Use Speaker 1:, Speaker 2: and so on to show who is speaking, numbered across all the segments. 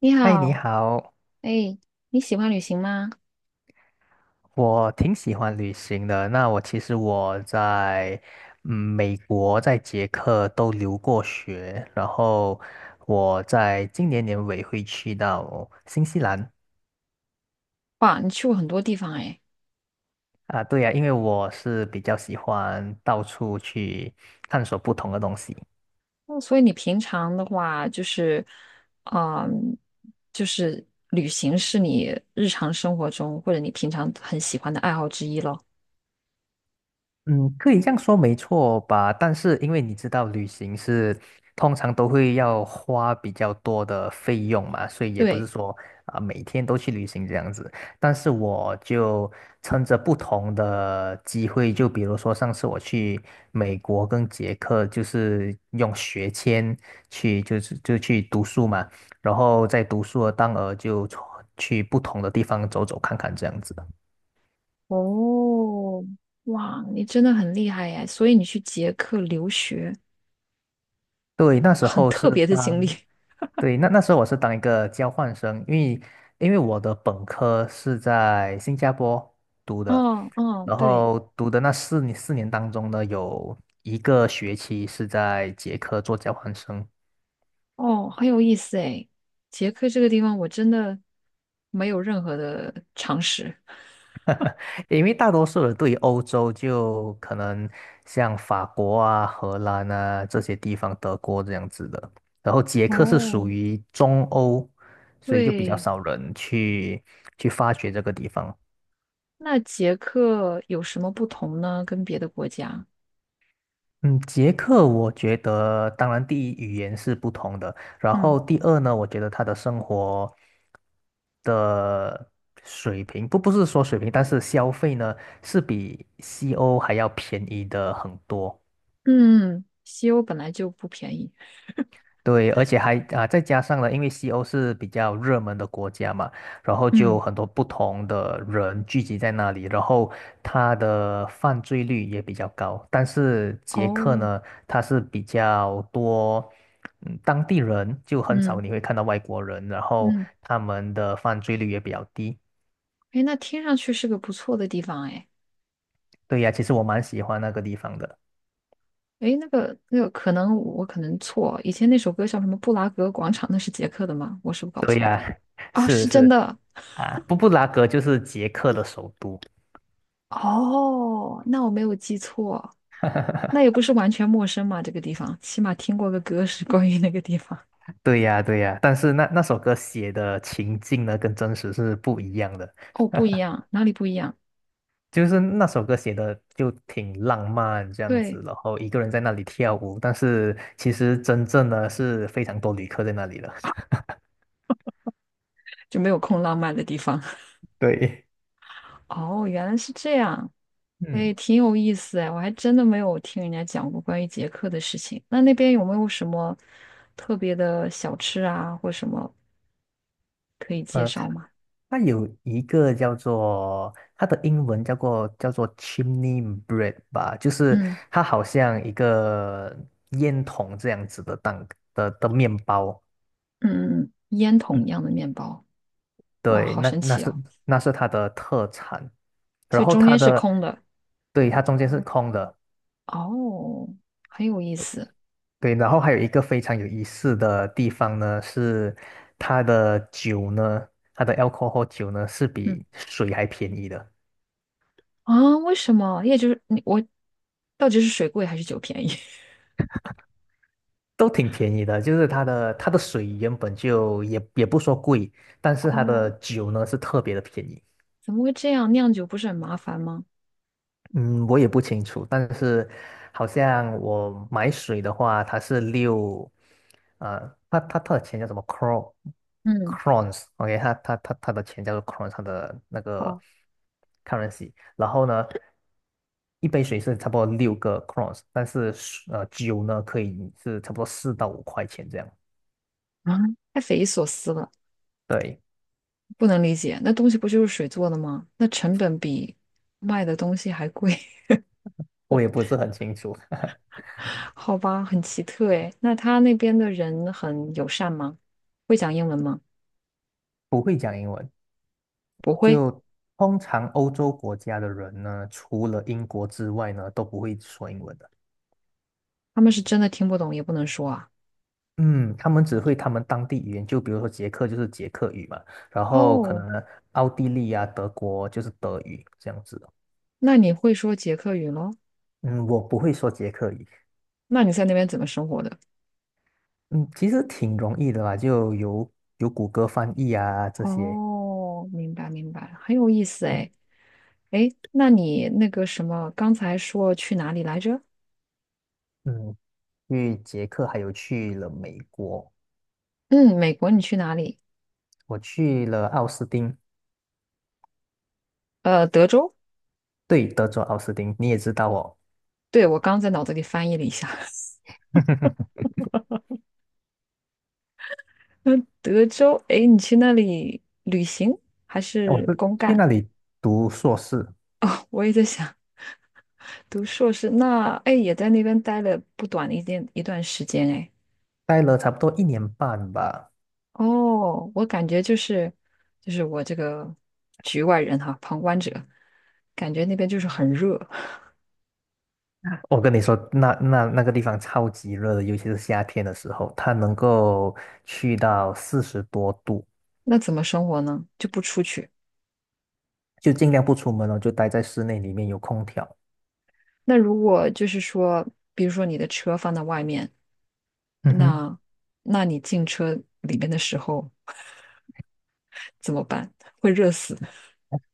Speaker 1: 你
Speaker 2: 嗨，你
Speaker 1: 好，
Speaker 2: 好，
Speaker 1: 哎，你喜欢旅行吗？
Speaker 2: 我挺喜欢旅行的。那其实我在美国，在捷克都留过学，然后我在今年年尾会去到新西兰
Speaker 1: 哇，你去过很多地方哎，
Speaker 2: 啊。对呀，因为我是比较喜欢到处去探索不同的东西。
Speaker 1: 哦所以你平常的话就是，嗯，就是旅行是你日常生活中或者你平常很喜欢的爱好之一咯。
Speaker 2: 嗯，可以这样说没错吧？但是因为你知道，旅行是通常都会要花比较多的费用嘛，所以也不是
Speaker 1: 对，
Speaker 2: 说每天都去旅行这样子。但是我就趁着不同的机会，就比如说上次我去美国跟捷克，就是用学签去，就是就去读书嘛，然后在读书的当儿就去不同的地方走走看看这样子。
Speaker 1: 哦，哇，你真的很厉害哎，所以你去捷克留学，
Speaker 2: 对，那时
Speaker 1: 很
Speaker 2: 候
Speaker 1: 特
Speaker 2: 是
Speaker 1: 别的经历。
Speaker 2: 当。对，那时候我是当一个交换生，因为我的本科是在新加坡读的，
Speaker 1: 哦嗯，
Speaker 2: 然
Speaker 1: 对，
Speaker 2: 后读的那四年当中呢，有一个学期是在捷克做交换生，
Speaker 1: 哦，很有意思哎，捷克这个地方我真的没有任何的常识。
Speaker 2: 因为大多数人对于欧洲就可能像法国啊、荷兰啊这些地方、德国这样子的，然后捷克是属
Speaker 1: 哦，
Speaker 2: 于中欧，所以就比较
Speaker 1: 对，
Speaker 2: 少人去发掘这个地方。
Speaker 1: 那捷克有什么不同呢？跟别的国家？
Speaker 2: 嗯，捷克我觉得，当然第一语言是不同的，然后
Speaker 1: 嗯
Speaker 2: 第二呢，我觉得他的生活的水平，不是说水平，但是消费呢是比西欧还要便宜的很多。
Speaker 1: 嗯，西欧本来就不便宜。
Speaker 2: 对，而且还啊，再加上了，因为西欧是比较热门的国家嘛，然后就
Speaker 1: 嗯，
Speaker 2: 很多不同的人聚集在那里，然后它的犯罪率也比较高。但是捷克
Speaker 1: 哦，
Speaker 2: 呢，它是比较多，当地人就很少
Speaker 1: 嗯
Speaker 2: 你会看到外国人，然后
Speaker 1: 嗯，
Speaker 2: 他们的犯罪率也比较低。
Speaker 1: 哎，那听上去是个不错的地方哎。
Speaker 2: 对呀，其实我蛮喜欢那个地方的。
Speaker 1: 哎，那个那个，可能我可能错，以前那首歌叫什么《布拉格广场》，那是捷克的吗？我是不是搞
Speaker 2: 对
Speaker 1: 错？
Speaker 2: 呀，
Speaker 1: 啊、
Speaker 2: 是
Speaker 1: 是真
Speaker 2: 是
Speaker 1: 的。
Speaker 2: 啊，布拉格就是捷克的首都。
Speaker 1: 哦，那我没有记错，那 也不是完全陌生嘛，这个地方，起码听过个歌是关于那个地方。
Speaker 2: 对呀，对呀，但是那首歌写的情境呢，跟真实是不一样的。
Speaker 1: 哦，不一样，哪里不一样？
Speaker 2: 就是那首歌写的就挺浪漫这样
Speaker 1: 对。
Speaker 2: 子，然后一个人在那里跳舞，但是其实真正呢是非常多旅客在那里的。
Speaker 1: 就没有空浪漫的地方。
Speaker 2: 对，
Speaker 1: 哦，原来是这样，哎，
Speaker 2: 嗯，
Speaker 1: 挺有意思哎，我还真的没有听人家讲过关于捷克的事情。那那边有没有什么特别的小吃啊，或什么可以介
Speaker 2: 呃，它
Speaker 1: 绍吗？
Speaker 2: 它有一个叫做它的英文叫做 chimney bread 吧，就是
Speaker 1: 嗯
Speaker 2: 它好像一个烟筒这样子的蛋的面包。
Speaker 1: 嗯嗯，嗯烟筒
Speaker 2: 嗯
Speaker 1: 一样的面包，哇，
Speaker 2: 对，
Speaker 1: 好
Speaker 2: 那
Speaker 1: 神
Speaker 2: 那
Speaker 1: 奇
Speaker 2: 是
Speaker 1: 哦！
Speaker 2: 那是它的特产，然
Speaker 1: 所以
Speaker 2: 后
Speaker 1: 中
Speaker 2: 它
Speaker 1: 间是
Speaker 2: 的，
Speaker 1: 空的，
Speaker 2: 对，它中间是空的，
Speaker 1: 哦，很有意思。
Speaker 2: 对，然后还有一个非常有意思的地方呢，是它的酒呢，它的 alcohol 酒呢是
Speaker 1: 嗯
Speaker 2: 比水还便宜的，
Speaker 1: 啊，为什么？也就是你我到底是水贵还是酒便宜？
Speaker 2: 都挺便宜的，就是它的水原本就也不说贵，但是 它的
Speaker 1: 哦，
Speaker 2: 酒呢是特别的便宜。
Speaker 1: 怎么会这样？酿酒不是很麻烦吗？
Speaker 2: 嗯，我也不清楚，但是好像我买水的话，它是六，呃，它的钱叫什么 c r o
Speaker 1: 嗯。
Speaker 2: crons，OK，它的钱叫做 crons，它的那个
Speaker 1: 好。
Speaker 2: currency。然后呢，一杯水是差不多六个 crons，但是酒呢可以是差不多4到5块钱这样。
Speaker 1: 啊，太匪夷所思了，
Speaker 2: 对，
Speaker 1: 不能理解。那东西不就是水做的吗？那成本比卖的东西还贵，
Speaker 2: 我
Speaker 1: 我
Speaker 2: 也不是很清楚，
Speaker 1: 好吧，很奇特诶。那他那边的人很友善吗？会讲英文吗？
Speaker 2: 不会讲英文。
Speaker 1: 不会，
Speaker 2: 就通常欧洲国家的人呢，除了英国之外呢，都不会说英文的。
Speaker 1: 他们是真的听不懂，也不能说啊。
Speaker 2: 嗯，他们只会他们当地语言，就比如说捷克就是捷克语嘛，然后可
Speaker 1: 哦，
Speaker 2: 能奥地利啊、德国就是德语这样子的。
Speaker 1: 那你会说捷克语咯？
Speaker 2: 嗯，我不会说捷克语。
Speaker 1: 那你在那边怎么生活的？
Speaker 2: 嗯，其实挺容易的啦，就有谷歌翻译啊这些。
Speaker 1: 哦，明白明白，很有意思
Speaker 2: 嗯，
Speaker 1: 诶。诶，那你那个什么，刚才说去哪里来着？
Speaker 2: 嗯去捷克还有去了美国，
Speaker 1: 嗯，美国，你去哪里？
Speaker 2: 我去了奥斯汀，
Speaker 1: 德州。
Speaker 2: 对，德州奥斯汀，你也知道哦。
Speaker 1: 对，我刚在脑子里翻译了一下，嗯，德州，哎，你去那里旅行还
Speaker 2: 我
Speaker 1: 是
Speaker 2: 是
Speaker 1: 公
Speaker 2: 去
Speaker 1: 干？
Speaker 2: 那里读硕士，
Speaker 1: 我也在想，读硕士，那哎也在那边待了不短的一段时间，哎，
Speaker 2: 待了差不多一年半吧。
Speaker 1: 哦，我感觉就是就是我这个局外人哈，旁观者，感觉那边就是很热，
Speaker 2: 我跟你说，那个地方超级热的，尤其是夏天的时候，它能够去到40多度，
Speaker 1: 那怎么生活呢？就不出去。
Speaker 2: 就尽量不出门哦，就待在室内里面有空调。
Speaker 1: 那如果就是说，比如说你的车放在外面，
Speaker 2: 嗯哼。
Speaker 1: 那那你进车里面的时候怎么办？会热死。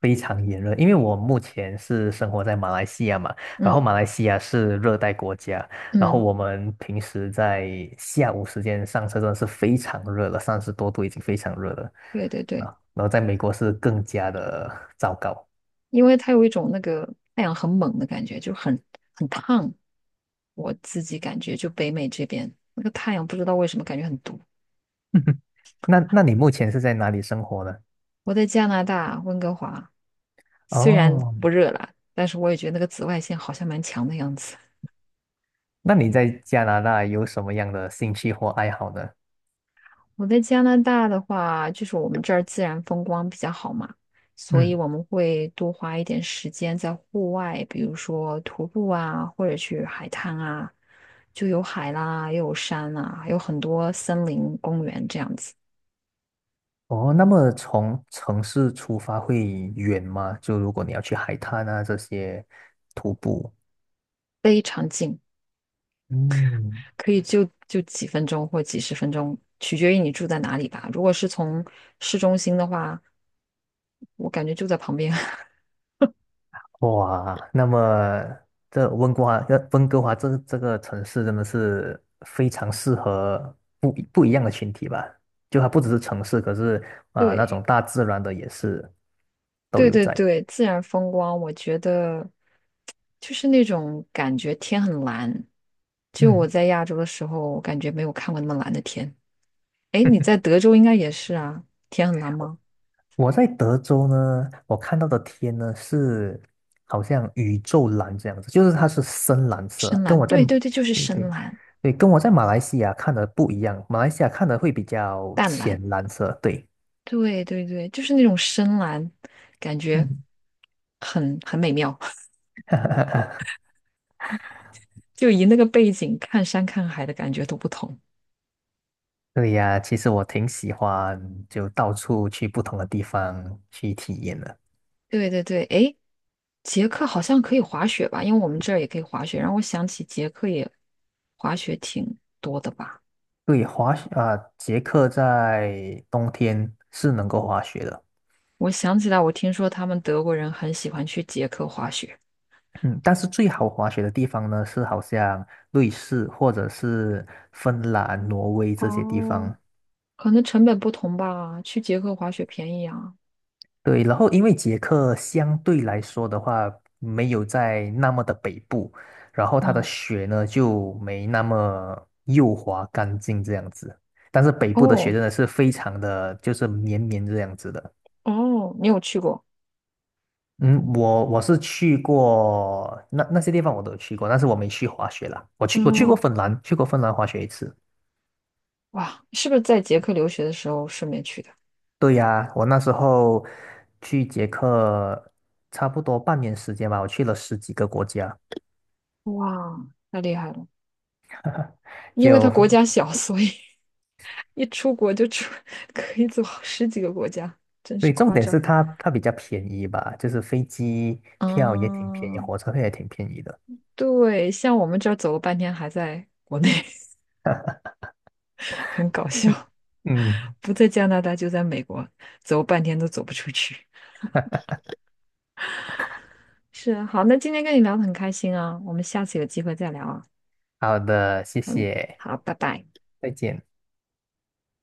Speaker 2: 非常炎热，因为我目前是生活在马来西亚嘛，然后
Speaker 1: 嗯
Speaker 2: 马来西亚是热带国家，然后
Speaker 1: 嗯，
Speaker 2: 我们平时在下午时间上车真的是非常热了，30多度已经非常热了
Speaker 1: 对对
Speaker 2: 啊，
Speaker 1: 对，
Speaker 2: 然后在美国是更加的糟糕。
Speaker 1: 因为它有一种那个太阳很猛的感觉，就很很烫。我自己感觉就北美这边那个太阳不知道为什么感觉很毒。
Speaker 2: 那你目前是在哪里生活呢？
Speaker 1: 我在加拿大温哥华，虽然
Speaker 2: 哦，
Speaker 1: 不热啦，但是我也觉得那个紫外线好像蛮强的样子。
Speaker 2: 那你在加拿大有什么样的兴趣或爱好呢？
Speaker 1: 我在加拿大的话，就是我们这儿自然风光比较好嘛，所以
Speaker 2: 嗯。
Speaker 1: 我们会多花一点时间在户外，比如说徒步啊，或者去海滩啊，就有海啦，又有山啦，还有很多森林公园这样子，
Speaker 2: 哦，那么从城市出发会远吗？就如果你要去海滩啊这些徒步，
Speaker 1: 非常近，
Speaker 2: 嗯，
Speaker 1: 可以就几分钟或几十分钟，取决于你住在哪里吧。如果是从市中心的话，我感觉就在旁边。
Speaker 2: 哇，那么这温哥华，温哥华这个城市真的是非常适合不一样的群体吧？就它不只是城市，可是那
Speaker 1: 对。
Speaker 2: 种大自然的也是都
Speaker 1: 对
Speaker 2: 有
Speaker 1: 对
Speaker 2: 在。
Speaker 1: 对，自然风光，我觉得就是那种感觉天很蓝。就我
Speaker 2: 嗯，
Speaker 1: 在亚洲的时候，我感觉没有看过那么蓝的天。哎，你在 德州应该也是啊，天很蓝吗？
Speaker 2: 我在德州呢，我看到的天呢是好像宇宙蓝这样子，就是它是深蓝色，
Speaker 1: 深
Speaker 2: 跟
Speaker 1: 蓝，
Speaker 2: 我在
Speaker 1: 对对对，就是
Speaker 2: 对
Speaker 1: 深
Speaker 2: 对
Speaker 1: 蓝，
Speaker 2: 对，跟我在马来西亚看的不一样，马来西亚看的会比较
Speaker 1: 淡蓝，
Speaker 2: 浅蓝色，对，
Speaker 1: 对对对，就是那种深蓝，感觉
Speaker 2: 嗯，
Speaker 1: 很很美妙，就以那个背景看山看海的感觉都不同。
Speaker 2: 对呀，其实我挺喜欢就到处去不同的地方去体验的。
Speaker 1: 对对对，哎，捷克好像可以滑雪吧？因为我们这儿也可以滑雪，让我想起捷克也滑雪挺多的吧。
Speaker 2: 对，滑雪啊，捷克在冬天是能够滑雪的。
Speaker 1: 我想起来，我听说他们德国人很喜欢去捷克滑雪，
Speaker 2: 嗯，但是最好滑雪的地方呢，是好像瑞士或者是芬兰、挪威这些地
Speaker 1: 哦
Speaker 2: 方。
Speaker 1: 可能成本不同吧，去捷克滑雪便宜啊。
Speaker 2: 对，然后因为捷克相对来说的话，没有在那么的北部，然后它的
Speaker 1: 嗯，
Speaker 2: 雪呢就没那么幼滑干净这样子。但是北部的雪
Speaker 1: 哦
Speaker 2: 真的是非常的，就是绵绵这样子的。
Speaker 1: 哦，你有去过？
Speaker 2: 嗯，我是去过那些地方我都有去过，但是我没去滑雪啦。我去过
Speaker 1: 嗯，
Speaker 2: 芬兰，去过芬兰滑雪一次。
Speaker 1: 哇，是不是在捷克留学的时候顺便去的？
Speaker 2: 对呀，我那时候去捷克差不多半年时间吧，我去了十几个国家。
Speaker 1: 哇，太厉害了，因为它
Speaker 2: 就，
Speaker 1: 国家小，所以 一出国就出，可以走10几个国家，真是
Speaker 2: 对，重
Speaker 1: 夸
Speaker 2: 点
Speaker 1: 张。
Speaker 2: 是它比较便宜吧，就是飞机票也挺便宜，
Speaker 1: 嗯，
Speaker 2: 火车票也挺便宜的。
Speaker 1: 对，像我们这儿走了半天还在国内，很搞
Speaker 2: 嗯，
Speaker 1: 笑。
Speaker 2: 嗯，
Speaker 1: 不在加拿大就在美国，走半天都走不出去。是，啊，好，那今天跟你聊得很开心啊，我们下次有机会再聊啊。
Speaker 2: 好的，谢
Speaker 1: 嗯，
Speaker 2: 谢，
Speaker 1: 好，拜拜。
Speaker 2: 再见。